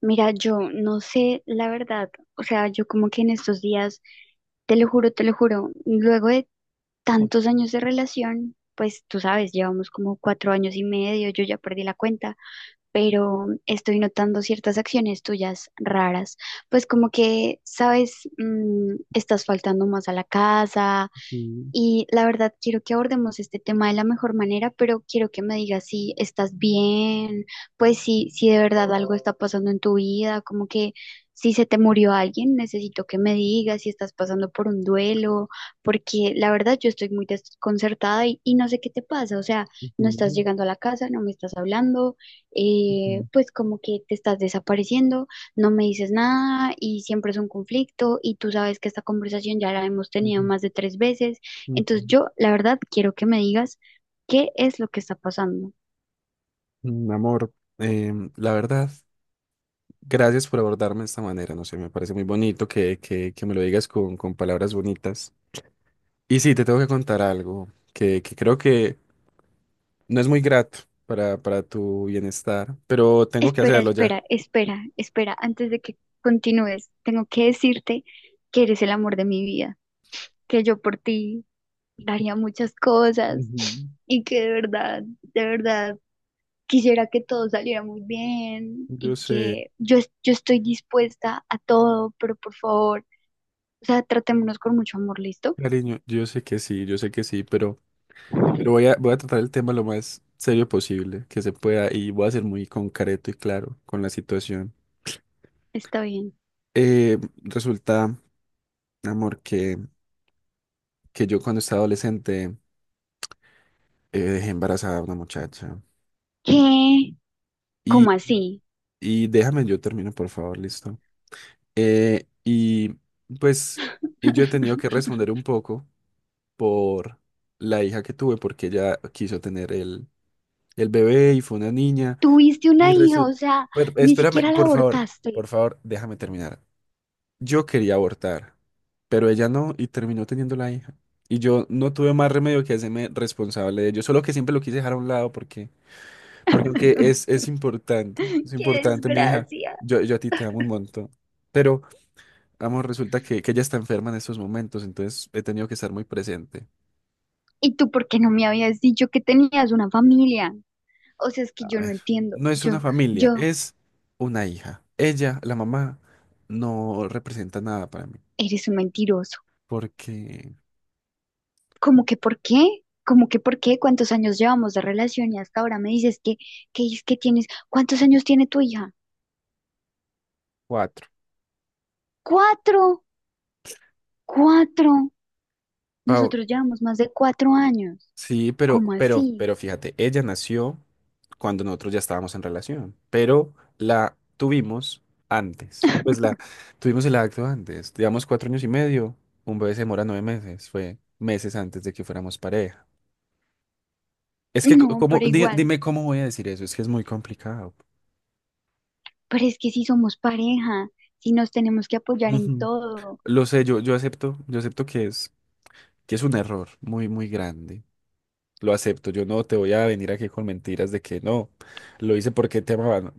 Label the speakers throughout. Speaker 1: Mira, yo no sé la verdad, o sea, yo como que en estos días, te lo juro, luego de tantos años de relación, pues tú sabes, llevamos como 4 años y medio, yo ya perdí la cuenta, pero estoy notando ciertas acciones tuyas raras, pues como que, sabes, estás faltando más a la casa,
Speaker 2: Mm,
Speaker 1: y la verdad, quiero que abordemos este tema de la mejor manera, pero quiero que me digas si estás bien, pues si de verdad algo está pasando en tu vida, como que si se te murió alguien, necesito que me digas si estás pasando por un duelo, porque la verdad yo estoy muy desconcertada y no sé qué te pasa, o sea, no estás
Speaker 2: ujú,
Speaker 1: llegando a la casa, no me estás hablando,
Speaker 2: ujú,
Speaker 1: pues como que te estás desapareciendo, no me dices nada y siempre es un conflicto y tú sabes que esta conversación ya la hemos tenido
Speaker 2: ujú,
Speaker 1: más de tres veces. Entonces
Speaker 2: ujú.
Speaker 1: yo, la verdad, quiero que me digas qué es lo que está pasando.
Speaker 2: Amor, la verdad, gracias por abordarme de esta manera. No sé, me parece muy bonito que me lo digas con palabras bonitas. Y sí, te tengo que contar algo que creo que no es muy grato para tu bienestar, pero tengo que
Speaker 1: Espera,
Speaker 2: hacerlo ya.
Speaker 1: espera, espera, espera, antes de que continúes, tengo que decirte que eres el amor de mi vida, que yo por ti daría muchas cosas
Speaker 2: Ujú.
Speaker 1: y que de verdad, quisiera que todo saliera muy bien
Speaker 2: Yo
Speaker 1: y
Speaker 2: sé,
Speaker 1: que yo estoy dispuesta a todo, pero por favor, o sea, tratémonos con mucho amor, ¿listo?
Speaker 2: cariño, yo sé que sí, yo sé que sí, pero voy a tratar el tema lo más serio posible que se pueda y voy a ser muy concreto y claro con la situación.
Speaker 1: Está bien.
Speaker 2: Eh, Resulta, amor, que yo cuando estaba adolescente dejé embarazada a una muchacha.
Speaker 1: ¿Qué? ¿Cómo
Speaker 2: Y,
Speaker 1: así?
Speaker 2: y déjame, yo termino, por favor, listo. Y pues, y yo he tenido que responder un poco por la hija que tuve, porque ella quiso tener el bebé y fue una niña.
Speaker 1: Tuviste
Speaker 2: Y
Speaker 1: una hija, o
Speaker 2: resulta,
Speaker 1: sea, ni
Speaker 2: espérame,
Speaker 1: siquiera la
Speaker 2: por
Speaker 1: abortaste.
Speaker 2: favor, déjame terminar. Yo quería abortar, pero ella no y terminó teniendo la hija. Y yo no tuve más remedio que hacerme responsable de ello, solo que siempre lo quise dejar a un lado porque aunque es importante, es
Speaker 1: ¡Qué
Speaker 2: importante mi hija,
Speaker 1: desgracia!
Speaker 2: yo a ti te amo un montón. Pero, vamos resulta que ella está enferma en estos momentos, entonces he tenido que estar muy presente.
Speaker 1: ¿Y tú por qué no me habías dicho que tenías una familia? O sea, es que
Speaker 2: A
Speaker 1: yo no
Speaker 2: ver,
Speaker 1: entiendo.
Speaker 2: no es una
Speaker 1: Yo,
Speaker 2: familia,
Speaker 1: yo,
Speaker 2: es una hija. Ella, la mamá, no representa nada para mí,
Speaker 1: eres un mentiroso.
Speaker 2: porque...
Speaker 1: ¿Cómo que por qué? ¿Cómo que por qué? ¿Cuántos años llevamos de relación y hasta ahora me dices que es que tienes, ¿cuántos años tiene tu hija?
Speaker 2: Cuatro.
Speaker 1: Cuatro, cuatro.
Speaker 2: Pau,
Speaker 1: Nosotros llevamos más de 4 años.
Speaker 2: sí, pero,
Speaker 1: ¿Cómo
Speaker 2: pero,
Speaker 1: así?
Speaker 2: pero fíjate, ella nació cuando nosotros ya estábamos en relación, pero la tuvimos antes. Pues la tuvimos el acto antes, digamos 4 años y medio, un bebé se demora 9 meses, fue meses antes de que fuéramos pareja. Es que,
Speaker 1: No,
Speaker 2: como,
Speaker 1: pero igual.
Speaker 2: dime cómo voy a decir eso, es que es muy complicado.
Speaker 1: Pero es que si somos pareja, si nos tenemos que apoyar en
Speaker 2: Ujú.
Speaker 1: todo.
Speaker 2: Lo sé, yo acepto que es un error muy, muy grande. Lo acepto. Yo no te voy a venir aquí con mentiras de que no, lo hice porque te amaban.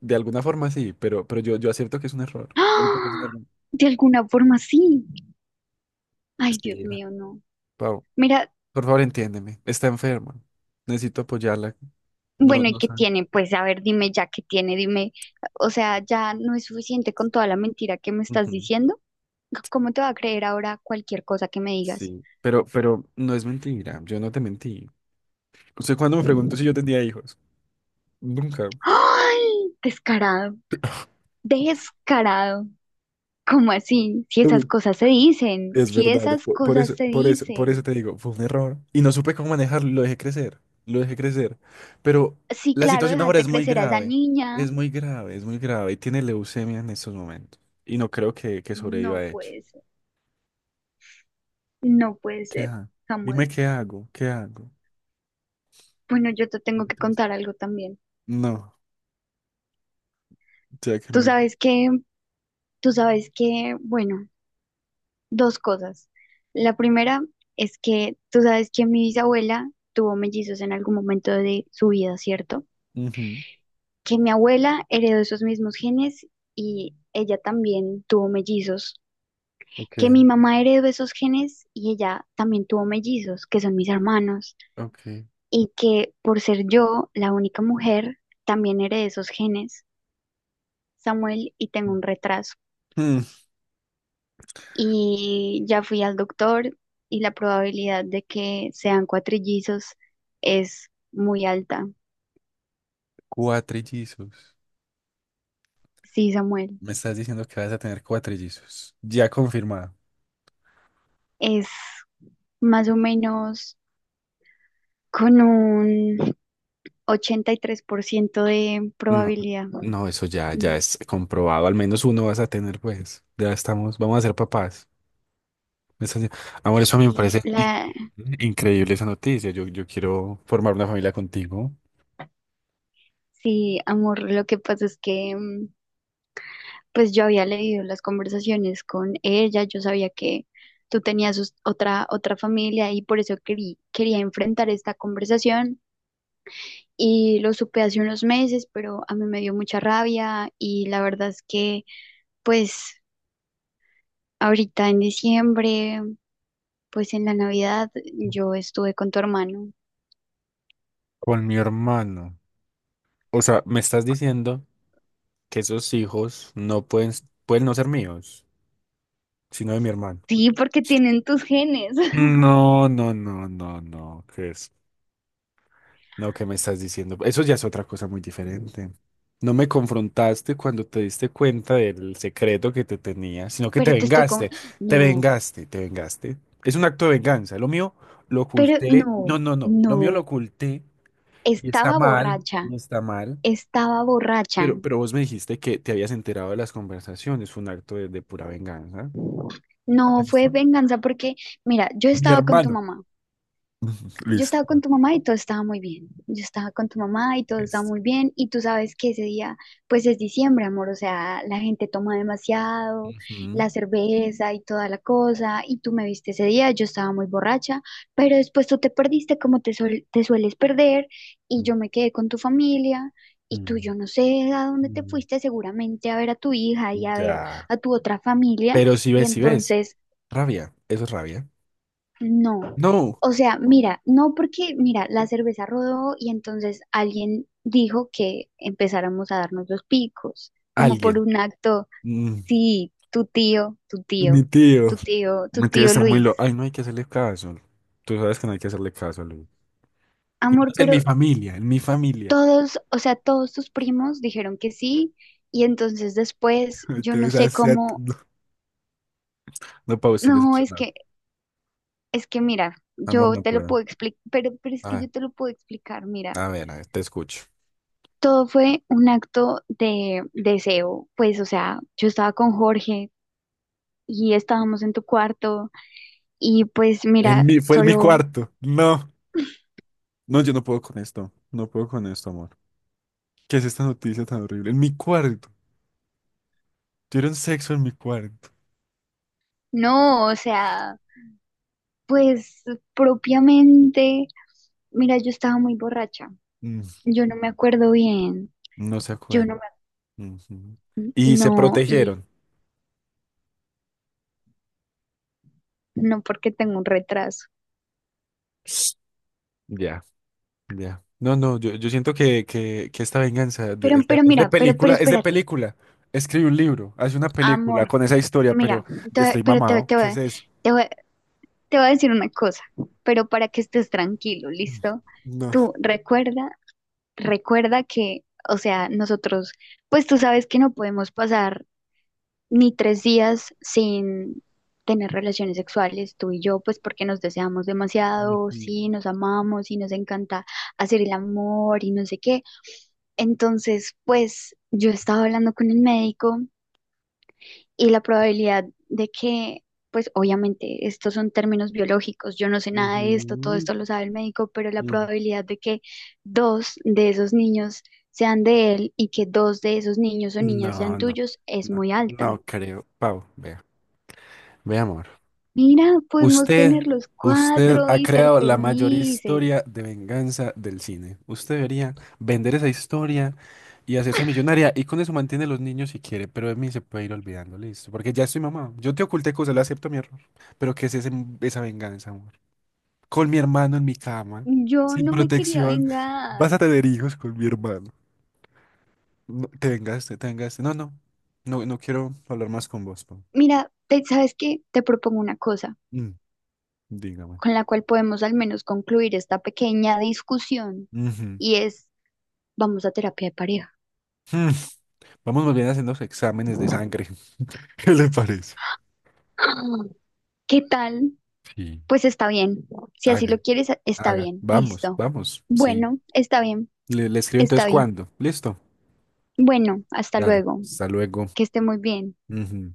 Speaker 2: De alguna forma sí, pero yo acepto que es un error. Acepto que es un
Speaker 1: ¡Ah!
Speaker 2: error.
Speaker 1: De alguna forma sí. Ay, Dios
Speaker 2: Sí, va.
Speaker 1: mío, no.
Speaker 2: Pau,
Speaker 1: Mira,
Speaker 2: por favor, entiéndeme. Está enferma. Necesito apoyarla. No,
Speaker 1: bueno, ¿y
Speaker 2: no
Speaker 1: qué
Speaker 2: sabe.
Speaker 1: tiene? Pues a ver, dime ya qué tiene, dime. O sea, ya no es suficiente con toda la mentira que me estás
Speaker 2: Ujú.
Speaker 1: diciendo. ¿Cómo te va a creer ahora cualquier cosa que me digas?
Speaker 2: Sí, pero no es mentira. Yo no te mentí. ¿Usted cuándo me preguntó si yo tenía hijos? Nunca.
Speaker 1: ¡Ay! Descarado, descarado. ¿Cómo así? Si esas cosas se dicen,
Speaker 2: Es
Speaker 1: si
Speaker 2: verdad,
Speaker 1: esas
Speaker 2: por
Speaker 1: cosas
Speaker 2: eso,
Speaker 1: se
Speaker 2: por eso, por eso
Speaker 1: dicen.
Speaker 2: te digo, fue un error y no supe cómo manejarlo, lo dejé crecer, lo dejé crecer. Pero
Speaker 1: Sí,
Speaker 2: la
Speaker 1: claro,
Speaker 2: situación ahora
Speaker 1: dejaste
Speaker 2: es muy
Speaker 1: crecer a esa
Speaker 2: grave, es
Speaker 1: niña.
Speaker 2: muy grave, es muy grave y tiene leucemia en estos momentos y no creo que sobreviva
Speaker 1: No
Speaker 2: a hecho.
Speaker 1: puede ser, no puede
Speaker 2: ¿Qué
Speaker 1: ser,
Speaker 2: hago? Dime
Speaker 1: Samuel.
Speaker 2: qué hago, qué hago.
Speaker 1: Bueno, yo te tengo
Speaker 2: Muy
Speaker 1: que
Speaker 2: triste.
Speaker 1: contar algo también.
Speaker 2: No, ya que
Speaker 1: Tú
Speaker 2: me...
Speaker 1: sabes que, tú sabes que, bueno, dos cosas. La primera es que tú sabes que mi bisabuela tuvo mellizos en algún momento de su vida, ¿cierto?
Speaker 2: Ujú.
Speaker 1: Que mi abuela heredó esos mismos genes y ella también tuvo mellizos.
Speaker 2: Ok,
Speaker 1: Que mi mamá heredó esos genes y ella también tuvo mellizos, que son mis hermanos.
Speaker 2: ok.
Speaker 1: Y que por ser yo la única mujer, también heredé esos genes, Samuel, y tengo un retraso.
Speaker 2: Mm,
Speaker 1: Y ya fui al doctor y la probabilidad de que sean cuatrillizos es muy alta.
Speaker 2: Cuatrillizos.
Speaker 1: Sí, Samuel,
Speaker 2: Me estás diciendo que vas a tener cuatrillizos. Ya confirmado.
Speaker 1: es más o menos con un 83 por ciento de
Speaker 2: No,
Speaker 1: probabilidad.
Speaker 2: no, eso ya
Speaker 1: Ujú.
Speaker 2: es comprobado. Al menos uno vas a tener, pues. Ya estamos, vamos a ser papás. Eso ya- Amor, eso a mí me
Speaker 1: Sí,
Speaker 2: parece
Speaker 1: la,
Speaker 2: increíble esa noticia. Yo quiero formar una familia contigo,
Speaker 1: sí, amor, lo que pasa es que pues yo había leído las conversaciones con ella, yo sabía que tú tenías otra familia y por eso quería enfrentar esta conversación y lo supe hace unos meses, pero a mí me dio mucha rabia y la verdad es que pues ahorita en diciembre, pues en la Navidad yo estuve con tu hermano.
Speaker 2: con mi hermano. O sea, me estás diciendo que esos hijos pueden no ser míos, sino de mi hermano.
Speaker 1: Sí, porque tienen tus genes,
Speaker 2: No, no, no, no, no. ¿Qué es? No, ¿qué me estás diciendo? Eso ya es otra cosa muy diferente. No me confrontaste cuando te diste cuenta del secreto que te tenía, sino que te
Speaker 1: pero te estoy como,
Speaker 2: vengaste, te
Speaker 1: no,
Speaker 2: vengaste, te vengaste. Es un acto de venganza. Lo mío lo
Speaker 1: pero
Speaker 2: oculté. No,
Speaker 1: no,
Speaker 2: no, no. Lo mío lo
Speaker 1: no,
Speaker 2: oculté y está
Speaker 1: estaba
Speaker 2: mal,
Speaker 1: borracha,
Speaker 2: no está mal.
Speaker 1: estaba borracha.
Speaker 2: Pero vos me dijiste que te habías enterado de las conversaciones. Fue un acto de pura venganza.
Speaker 1: No
Speaker 2: Así es.
Speaker 1: fue venganza porque, mira, yo
Speaker 2: Mi
Speaker 1: estaba con tu
Speaker 2: hermano.
Speaker 1: mamá. Yo estaba con
Speaker 2: Listo.
Speaker 1: tu mamá y todo estaba muy bien. Yo estaba con tu mamá y todo estaba
Speaker 2: Listo.
Speaker 1: muy bien. Y tú sabes que ese día, pues es diciembre, amor. O sea, la gente toma demasiado,
Speaker 2: Ujú.
Speaker 1: la cerveza y toda la cosa. Y tú me viste ese día, yo estaba muy borracha. Pero después tú te perdiste como te sueles perder. Y yo me quedé con tu familia. Y tú,
Speaker 2: Ujú.
Speaker 1: yo no sé a dónde te
Speaker 2: Mm.
Speaker 1: fuiste, seguramente a ver a tu hija y a ver
Speaker 2: Ya.
Speaker 1: a tu otra familia.
Speaker 2: Pero si
Speaker 1: Y
Speaker 2: ves, si ves.
Speaker 1: entonces.
Speaker 2: Rabia, eso es rabia.
Speaker 1: No,
Speaker 2: No,
Speaker 1: o sea, mira, no porque, mira, la cerveza rodó y entonces alguien dijo que empezáramos a darnos los picos, como por
Speaker 2: alguien.
Speaker 1: un acto,
Speaker 2: Mm,
Speaker 1: sí,
Speaker 2: Mi tío.
Speaker 1: tu
Speaker 2: Mi tío
Speaker 1: tío
Speaker 2: está muy
Speaker 1: Luis.
Speaker 2: loco. Ay, no hay que hacerle caso. Tú sabes que no hay que hacerle caso, Luis. Y
Speaker 1: Amor,
Speaker 2: menos en
Speaker 1: pero
Speaker 2: mi familia, en mi familia.
Speaker 1: todos, o sea, todos tus primos dijeron que sí y entonces después yo no
Speaker 2: Entonces,
Speaker 1: sé
Speaker 2: hacia...
Speaker 1: cómo,
Speaker 2: no, no, Pau, estoy
Speaker 1: no, es
Speaker 2: decepcionado.
Speaker 1: que, es que mira,
Speaker 2: Amor,
Speaker 1: yo
Speaker 2: no
Speaker 1: te lo
Speaker 2: puedo.
Speaker 1: puedo explicar, pero es
Speaker 2: A
Speaker 1: que
Speaker 2: ver,
Speaker 1: yo te lo puedo explicar, mira.
Speaker 2: a ver, a ver, te escucho.
Speaker 1: Todo fue un acto de deseo, pues, o sea, yo estaba con Jorge y estábamos en tu cuarto y pues mira,
Speaker 2: Fue en mi
Speaker 1: solo,
Speaker 2: cuarto. No, no, yo no puedo con esto. No puedo con esto, amor. ¿Qué es esta noticia tan horrible? En mi cuarto. Tuvieron sexo en mi cuarto.
Speaker 1: no, o sea, pues propiamente, mira, yo estaba muy borracha,
Speaker 2: Mm,
Speaker 1: yo no me acuerdo bien,
Speaker 2: no se
Speaker 1: yo
Speaker 2: acuerdan.
Speaker 1: no me,
Speaker 2: Ujú. Y se
Speaker 1: no, y
Speaker 2: protegieron.
Speaker 1: no porque tengo un retraso,
Speaker 2: Ya, ya. No, no, yo siento que esta venganza
Speaker 1: pero, pero
Speaker 2: es
Speaker 1: mira,
Speaker 2: de
Speaker 1: pero, pero
Speaker 2: película, es de
Speaker 1: espérate,
Speaker 2: película. Escribe un libro, hace una película
Speaker 1: amor,
Speaker 2: con esa historia, pero
Speaker 1: mira, te-
Speaker 2: estoy
Speaker 1: pero te,
Speaker 2: mamado.
Speaker 1: te,
Speaker 2: ¿Qué es
Speaker 1: voy-
Speaker 2: eso?
Speaker 1: te voy te voy a decir una cosa, pero para que estés tranquilo, ¿listo?
Speaker 2: No.
Speaker 1: Tú recuerda, que, o sea, nosotros, pues tú sabes que no podemos pasar ni 3 días sin tener relaciones sexuales, tú y yo, pues porque nos deseamos demasiado,
Speaker 2: Ujú,
Speaker 1: sí, nos amamos y nos encanta hacer el amor y no sé qué. Entonces, pues yo estaba hablando con el médico y la probabilidad de que, pues obviamente, estos son términos biológicos, yo no sé nada de esto, todo
Speaker 2: ujú,
Speaker 1: esto lo sabe el médico, pero la
Speaker 2: ujú.
Speaker 1: probabilidad de que dos de esos niños sean de él y que dos de esos niños o niñas sean
Speaker 2: No, no,
Speaker 1: tuyos es
Speaker 2: no,
Speaker 1: muy alta.
Speaker 2: no creo. Pau, vea. Ve, amor.
Speaker 1: Mira, podemos
Speaker 2: Usted,
Speaker 1: tener los
Speaker 2: usted
Speaker 1: cuatro
Speaker 2: ha
Speaker 1: y ser
Speaker 2: creado la mayor
Speaker 1: felices.
Speaker 2: historia de venganza del cine. Usted debería vender esa historia y hacerse millonaria y con eso mantiene a los niños si quiere, pero de mí se puede ir olvidando, listo. Porque ya estoy mamá. Yo te oculté cosas, le acepto mi error. Pero ¿qué es esa venganza, amor? Con mi hermano en mi cama,
Speaker 1: Yo
Speaker 2: sin
Speaker 1: no me quería
Speaker 2: protección. Vas
Speaker 1: vengar.
Speaker 2: a tener hijos con mi hermano. No, te vengaste, te vengaste. No, no, no, no quiero hablar más con vos, pa.
Speaker 1: Mira, ¿sabes qué? Te propongo una cosa
Speaker 2: Mm, Dígame.
Speaker 1: con la cual podemos al menos concluir esta pequeña discusión
Speaker 2: Ujú.
Speaker 1: y es vamos a terapia de pareja.
Speaker 2: Vamos más bien haciendo exámenes de sangre. ¿Qué le parece?
Speaker 1: ¿Qué tal?
Speaker 2: Sí.
Speaker 1: Pues está bien. Si así lo
Speaker 2: Hagan,
Speaker 1: quieres, está
Speaker 2: hagan.
Speaker 1: bien.
Speaker 2: Vamos,
Speaker 1: Listo.
Speaker 2: vamos. Sí.
Speaker 1: Bueno, está bien,
Speaker 2: Le escribo
Speaker 1: está
Speaker 2: entonces
Speaker 1: bien.
Speaker 2: cuándo. Listo.
Speaker 1: Bueno, hasta
Speaker 2: Dale.
Speaker 1: luego.
Speaker 2: Hasta luego.
Speaker 1: Que esté muy bien.
Speaker 2: Ujú.